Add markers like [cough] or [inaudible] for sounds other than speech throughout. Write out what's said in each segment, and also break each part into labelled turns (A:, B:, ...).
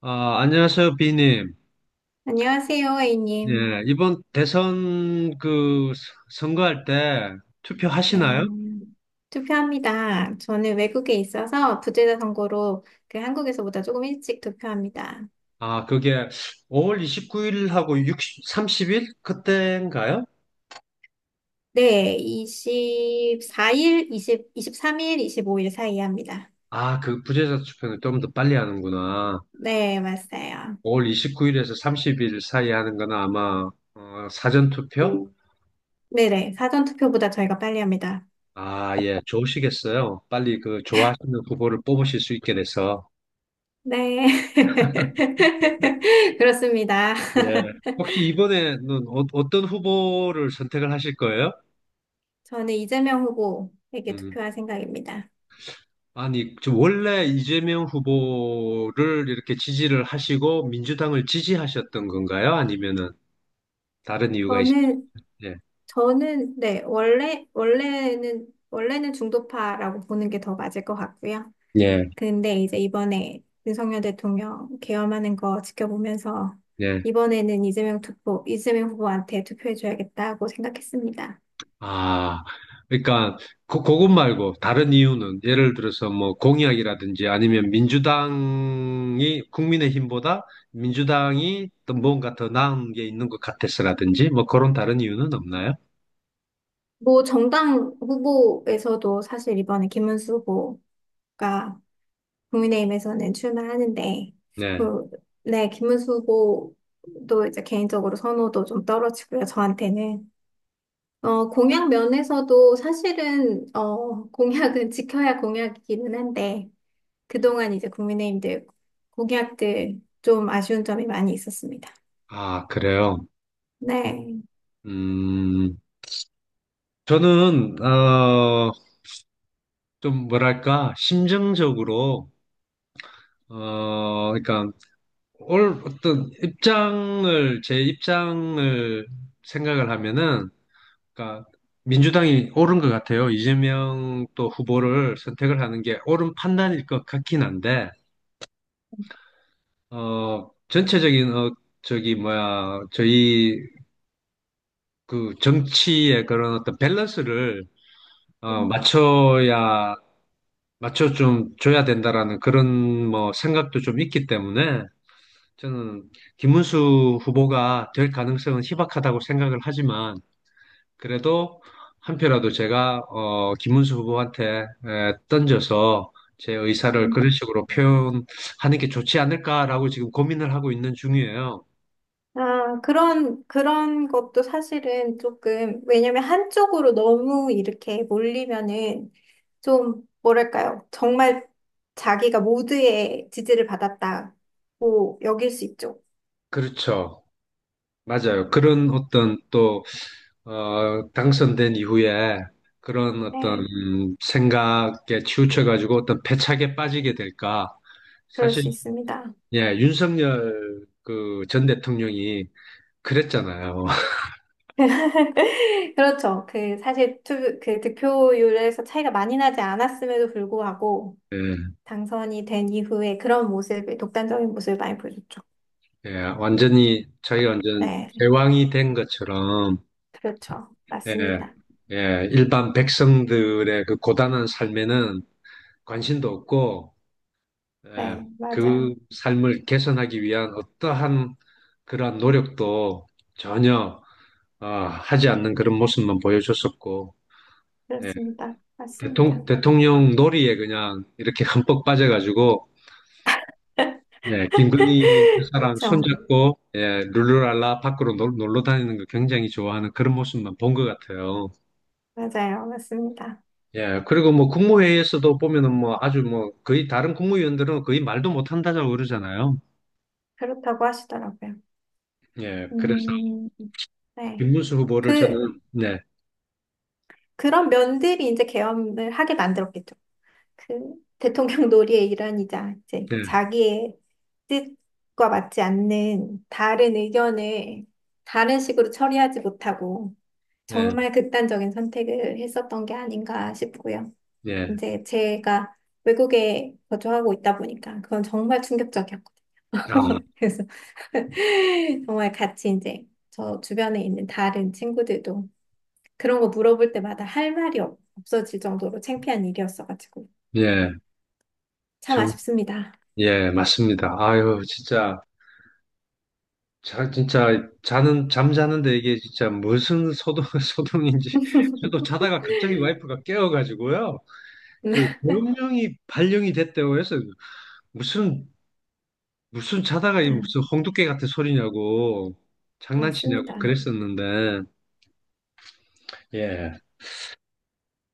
A: 아, 안녕하세요, 비님.
B: 안녕하세요, A님.
A: 예, 이번 대선 그 선거할 때 투표하시나요?
B: 네. 투표합니다. 저는 외국에 있어서 부재자 선거로 그 한국에서보다 조금 일찍 투표합니다.
A: 아, 그게 5월 29일하고 6, 30일? 그때인가요?
B: 네, 2사일 이십, 이십3일 25일 사이에 합니다.
A: 아, 그 부재자 투표는 좀 더 빨리 하는구나.
B: 네, 맞아요.
A: 5월 29일에서 30일 사이 하는 거는 아마 사전 투표?
B: 네네, 사전 투표보다 저희가 빨리 합니다.
A: 아, 예, 좋으시겠어요. 빨리 그 좋아하시는 후보를 뽑으실 수 있게 돼서.
B: 네. [laughs] 그렇습니다.
A: 예.
B: [laughs]
A: 혹시 이번에는 어떤 후보를 선택을 하실 거예요?
B: 저는 이재명 후보에게
A: 음.
B: 투표할 생각입니다.
A: 아니, 저 원래 이재명 후보를 이렇게 지지를 하시고 민주당을 지지하셨던 건가요? 아니면은 다른 이유가
B: 저는
A: 있으신데?
B: 저는 네, 원래는 중도파라고 보는 게 더 맞을 것 같고요.
A: 예,
B: 근데 이제 이번에 윤석열 대통령 계엄하는 거 지켜보면서
A: 예.
B: 이번에는 이재명 후보한테 투표해줘야겠다고 생각했습니다.
A: 아, 그러니까 그것 말고 다른 이유는 예를 들어서 뭐 공약이라든지 아니면 민주당이 국민의힘보다 민주당이 또 뭔가 더 나은 게 있는 것 같아서라든지 뭐 그런 다른 이유는 없나요?
B: 뭐 정당 후보에서도 사실 이번에 김문수 후보가 국민의힘에서는 출마하는데
A: 네.
B: 그, 네, 김문수 후보도 이제 개인적으로 선호도 좀 떨어지고요, 저한테는. 공약 면에서도 사실은, 공약은 [laughs] 지켜야 공약이기는 한데, 그동안 이제 국민의힘들 공약들 좀 아쉬운 점이 많이 있었습니다.
A: 아, 그래요.
B: 네.
A: 음, 저는 어. 좀 뭐랄까, 심정적으로, 그러니까, 올 어떤 입장을, 제 입장을 생각을 하면은, 그러니까, 민주당이 옳은 것 같아요. 이재명 또 후보를 선택을 하는 게 옳은 판단일 것 같긴 한데, 전체적인, 저기, 뭐야, 저희 그 정치의 그런 어떤 밸런스를,
B: 음,
A: 맞춰야, 맞춰 좀 줘야 된다라는 그런 뭐 생각도 좀 있기 때문에, 저는 김문수 후보가 될 가능성은 희박하다고 생각을 하지만 그래도 한 표라도 제가 김문수 후보한테 던져서 제 의사를
B: 음.
A: 그런 식으로 표현하는 게 좋지 않을까라고 지금 고민을 하고 있는 중이에요.
B: 아, 그런 것도 사실은 조금, 왜냐면 한쪽으로 너무 이렇게 몰리면은 좀, 뭐랄까요. 정말 자기가 모두의 지지를 받았다고 여길 수 있죠.
A: 그렇죠. 맞아요. 그런 어떤 또 당선된 이후에 그런 어떤
B: 네,
A: 생각에 치우쳐가지고 어떤 패착에 빠지게 될까.
B: 그럴
A: 사실
B: 수 있습니다.
A: 예, 윤석열 그 전 대통령이 그랬잖아요. [laughs]
B: [laughs] 그렇죠. 그 사실 그 득표율에서 차이가 많이 나지 않았음에도 불구하고
A: 예,
B: 당선이 된 이후에 그런 모습을 독단적인 모습을 많이 보여줬죠.
A: 예, 완전히 자기가 완전
B: 네,
A: 제왕이 된 것처럼
B: 그렇죠.
A: 예,
B: 맞습니다.
A: 예, 일반 백성들의 그 고단한 삶에는 관심도 없고 예,
B: 네,
A: 그
B: 맞아요.
A: 삶을 개선하기 위한 어떠한 그러한 노력도 전혀 하지 않는 그런 모습만 보여줬었고 예,
B: 그렇습니다. 맞습니다.
A: 대통령 놀이에 그냥 이렇게 [laughs] 흠뻑 빠져가지고
B: [laughs]
A: 네, 김건희 여사랑
B: 그렇죠.
A: 손잡고 예, 룰루랄라 밖으로 놀러 다니는 거 굉장히 좋아하는 그런 모습만 본 것 같아요.
B: 맞아요. 맞습니다.
A: 예, 그리고 뭐 국무회의에서도 보면은 뭐 아주 뭐 거의 다른 국무위원들은 거의 말도 못 한다고 그러잖아요.
B: 그렇다고 하시더라고요.
A: 예, 그래서
B: 음, 네.
A: 김문수 후보를
B: 그
A: 저는 네,
B: 그런 면들이 이제 계엄을 하게 만들었겠죠. 그 대통령 놀이의 일환이자 이제
A: 네,
B: 자기의 뜻과 맞지 않는 다른 의견을 다른 식으로 처리하지 못하고
A: 네,
B: 정말 극단적인 선택을 했었던 게 아닌가 싶고요.
A: 예,
B: 이제 제가 외국에 거주하고 있다 보니까 그건 정말 충격적이었거든요.
A: 아,
B: [laughs] 그래서 [laughs] 정말 같이 이제 저 주변에 있는 다른 친구들도 그런 거 물어볼 때마다 할 말이 없어질 정도로 창피한 일이었어가지고
A: 예,
B: 참
A: 정,
B: 아쉽습니다.
A: 예, 맞습니다. 아유, 진짜 자, 진짜 자는 잠자는데 이게 진짜 무슨 소동 [laughs] 소동인지 저도 자다가 갑자기 와이프가 깨워가지고요. 그
B: [laughs]
A: 명령이 발령이 됐다고 해서 무슨 무슨 자다가
B: 아,
A: 이 무슨 홍두깨 같은 소리냐고 장난치냐고
B: 맞습니다.
A: 그랬었는데 예.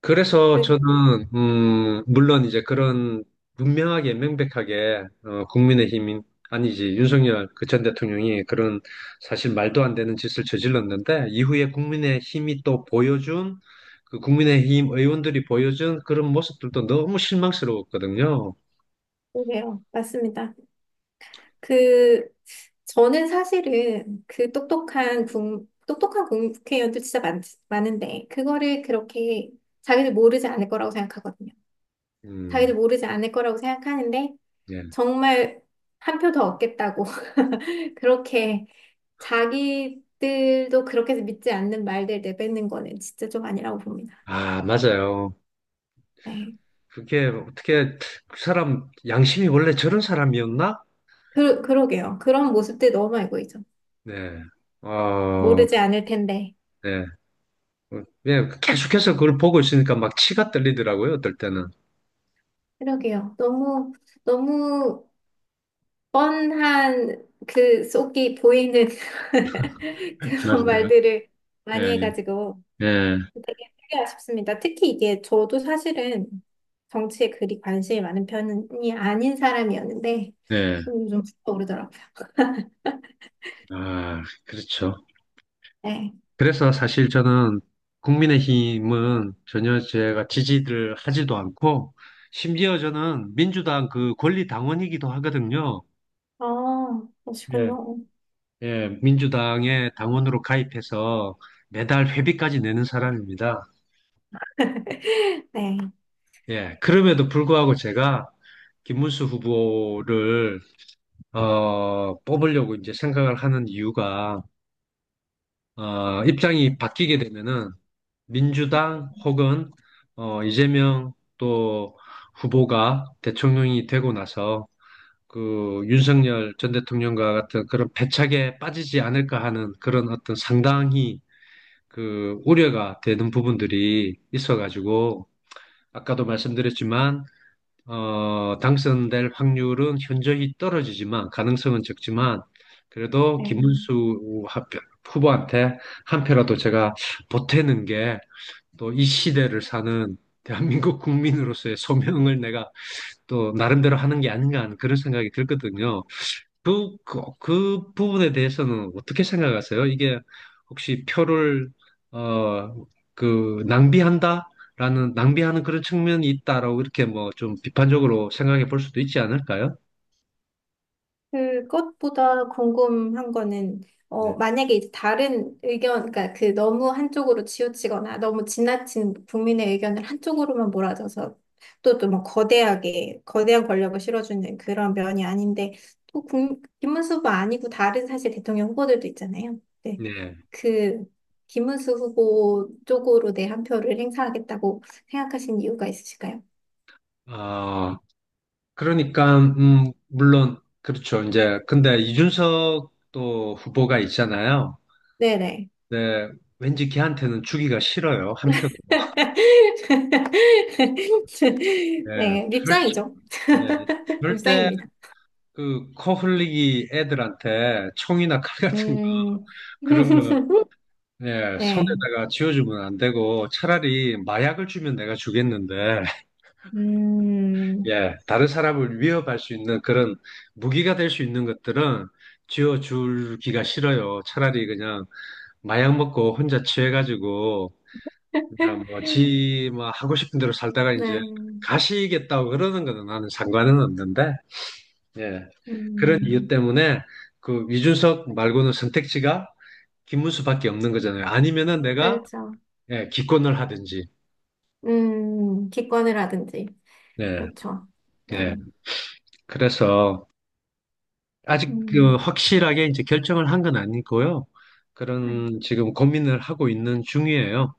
A: 그래서
B: 그,
A: 저는 음, 물론 이제 그런 분명하게 명백하게 국민의힘인, 아니지, 윤석열 그 전 대통령이 그런 사실 말도 안 되는 짓을 저질렀는데 이후에 국민의힘이 또 보여준 그 국민의힘 의원들이 보여준 그런 모습들도 너무 실망스러웠거든요.
B: 그게요. 맞습니다. 그, 저는 사실은 똑똑한 국회의원들 진짜 많은데, 그거를 그렇게 자기들 모르지 않을 거라고 생각하거든요.
A: 음.
B: 자기들 모르지 않을 거라고 생각하는데,
A: 예.
B: 정말 한 표 더 얻겠다고. [laughs] 그렇게 자기들도 그렇게 믿지 않는 말들 내뱉는 거는 진짜 좀 아니라고 봅니다.
A: 아, 맞아요.
B: 네.
A: 그게 어떻게, 그 사람 양심이 원래 저런 사람이었나?
B: 그러게요. 그런 모습들 너무 알고 있죠.
A: 네. 어,
B: 모르지 않을 텐데.
A: 네. 네, 계속해서 그걸 보고 있으니까 막 치가 떨리더라고요, 어떨 때는.
B: 그러게요. 너무, 너무 뻔한 그 속이 보이는 [laughs] 그런
A: 맞아요.
B: 말들을 많이
A: 예,
B: 해가지고
A: 예,
B: 되게 되게 아쉽습니다. 특히 이게 저도 사실은 정치에 그리 관심이 많은 편이 아닌 사람이었는데
A: 예.
B: 좀 오르더라고요.
A: 아, 그렇죠.
B: 네.
A: 그래서 사실 저는 국민의힘은 전혀 제가 지지를 하지도 않고, 심지어 저는 민주당 그 권리당원이기도 하거든요.
B: 아,
A: 예.
B: 그러시군요.
A: 예, 민주당의 당원으로 가입해서 매달 회비까지 내는 사람입니다.
B: [laughs] 네.
A: 예, 그럼에도 불구하고 제가 김문수 후보를 뽑으려고 이제 생각을 하는 이유가, 입장이 바뀌게 되면은 민주당 혹은 이재명 또 후보가 대통령이 되고 나서 그 윤석열 전 대통령과 같은 그런 패착에 빠지지 않을까 하는 그런 어떤 상당히 그 우려가 되는 부분들이 있어가지고, 아까도 말씀드렸지만 당선될 확률은 현저히 떨어지지만, 가능성은 적지만 그래도
B: 네.
A: 김문수 후보한테 한 표라도 제가 보태는 게 또 이 시대를 사는 대한민국 국민으로서의 소명을 내가 또 나름대로 하는 게 아닌가 하는 그런 생각이 들거든요. 그 부분에 대해서는 어떻게 생각하세요? 이게 혹시 표를, 어, 낭비한다? 라는, 낭비하는 그런 측면이 있다라고 이렇게 뭐 좀 비판적으로 생각해 볼 수도 있지 않을까요?
B: 그것보다 궁금한 거는,
A: 네.
B: 어, 만약에 이제 다른 의견, 그러니까 그 너무 한쪽으로 치우치거나 너무 지나친 국민의 의견을 한쪽으로만 몰아줘서 또 뭐 거대한 권력을 실어주는 그런 면이 아닌데, 김문수 후보 아니고 다른 사실 대통령 후보들도 있잖아요. 네.
A: 네.
B: 그, 김문수 후보 쪽으로 내 한 표를 행사하겠다고 생각하신 이유가 있으실까요?
A: 아, 그러니까, 물론, 그렇죠. 이제, 근데 이준석 또 후보가 있잖아요.
B: 네네.
A: 네. 왠지 걔한테는 주기가 싫어요. 한 표도.
B: [laughs]
A: 네.
B: 네,
A: 절-
B: 밉상이죠.
A: 네.
B: [laughs]
A: 절대
B: 밉상입니다.
A: 그 코 흘리기 애들한테 총이나 칼 같은 거,
B: 음,
A: 그런 거
B: [laughs]
A: 예,
B: 네,
A: 손에다가 쥐어주면 안 되고, 차라리 마약을 주면 내가 주겠는데 [laughs]
B: 음,
A: 예, 다른 사람을 위협할 수 있는 그런 무기가 될 수 있는 것들은 쥐어주기가 싫어요. 차라리 그냥 마약 먹고 혼자 취해가지고 그냥
B: [laughs]
A: 뭐지뭐 하고 싶은 대로 살다가
B: 네,
A: 이제 가시겠다고 그러는 거는 나는 상관은 없는데. 예. 그런 이유
B: 음,
A: 때문에 그 이준석 말고는 선택지가 김문수밖에 없는 거잖아요. 아니면은 내가
B: 그렇죠.
A: 예, 기권을 하든지.
B: 기권을 하든지.
A: 예,
B: 그렇죠.
A: 예.
B: 네,
A: 그래서 아직 그
B: 음,
A: 확실하게 이제 결정을 한 건 아니고요.
B: 네.
A: 그런 지금 고민을 하고 있는 중이에요.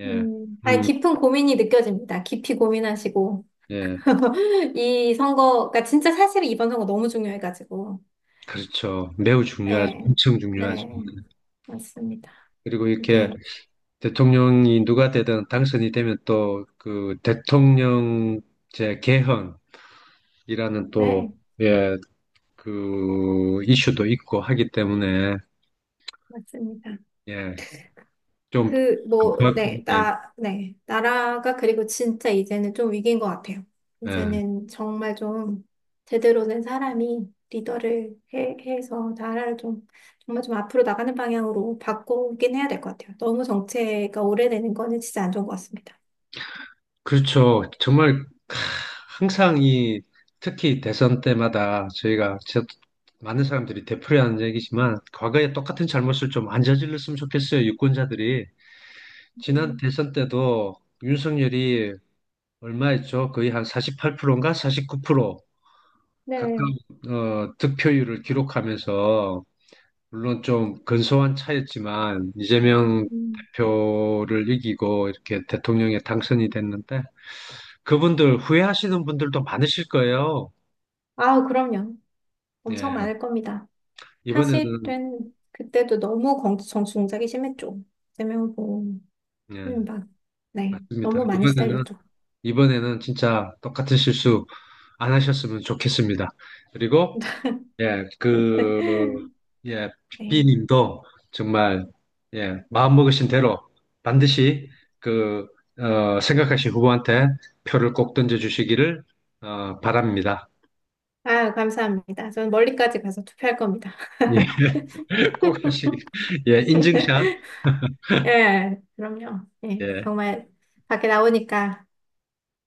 A: 예.
B: 아니,
A: 음,
B: 깊은 고민이 느껴집니다. 깊이 고민하시고.
A: 예.
B: [laughs] 이 선거가 진짜 사실 이번 선거 너무 중요해가지고.
A: 그렇죠. 매우 중요하죠.
B: 네,
A: 엄청 중요하죠.
B: 네, 맞습니다.
A: 그리고 이렇게
B: 이게
A: 대통령이 누가 되든 당선이 되면 또 그 대통령제 개헌 이라는 또,
B: 네
A: 예, 그, 이슈도 있고 하기 때문에,
B: 맞습니다.
A: 예, 좀,
B: 그 뭐
A: 막, 예,
B: 네 나라가 그리고 진짜 이제는 좀 위기인 것 같아요.
A: 예.
B: 이제는 정말 좀 제대로 된 사람이 리더를 해서 나라를 좀 정말 좀 앞으로 나가는 방향으로 바꾸긴 해야 될 것 같아요. 너무 정체가 오래되는 거는 진짜 안 좋은 것 같습니다.
A: 그렇죠. 정말, 캬, 항상 이, 특히 대선 때마다 저희가, 저, 많은 사람들이 되풀이하는 얘기지만, 과거에 똑같은 잘못을 좀 안 저질렀으면 좋겠어요, 유권자들이. 지난
B: 음,
A: 대선 때도 윤석열이 얼마였죠? 거의 한 48%인가? 49% 가까운,
B: 네.
A: 득표율을 기록하면서, 물론 좀 근소한 차였지만 이재명
B: 음.
A: 대표를 이기고 이렇게 대통령에 당선이 됐는데 그분들 후회하시는 분들도 많으실 거예요.
B: 아우 그럼요. 엄청
A: 예,
B: 많을 겁니다.
A: 이번에는
B: 사실은 그때도 너무 정치 공작이 심했죠. 이재명 후보.
A: 예,
B: 막, 네.
A: 맞습니다.
B: 너무 많이
A: 이번에는
B: 시달렸죠.
A: 이번에는 진짜 똑같은 실수 안 하셨으면 좋겠습니다. 그리고 예, 그,
B: [laughs]
A: 예,
B: 네.
A: 비님도 정말, 예, 마음먹으신 대로 반드시 그, 생각하신 후보한테 표를 꼭 던져주시기를, 바랍니다.
B: 아, 감사합니다. 저는 멀리까지 가서 투표할 겁니다.
A: 예, [laughs] 꼭 하시기,
B: [laughs]
A: 예, 인증샷,
B: 예, 그럼요. 예,
A: 예,
B: 정말 밖에 나오니까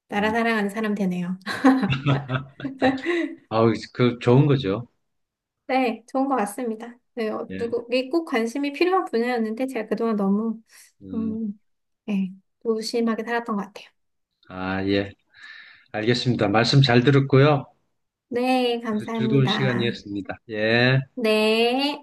B: 나라
A: 음,
B: 사랑하는 사람 되네요. [laughs]
A: [laughs] 아우, 그, 좋은 거죠.
B: 네, 좋은 것 같습니다. 네, 어,
A: 예,
B: 누구, 이게 꼭 관심이 필요한 분야였는데 제가 그동안 너무,
A: 음,
B: 음, 예, 무심하게 살았던 것 같아요.
A: 아, 예, 알겠습니다. 말씀 잘 들었고요.
B: 네,
A: 즐거운
B: 감사합니다.
A: 시간이었습니다. 예.
B: 네.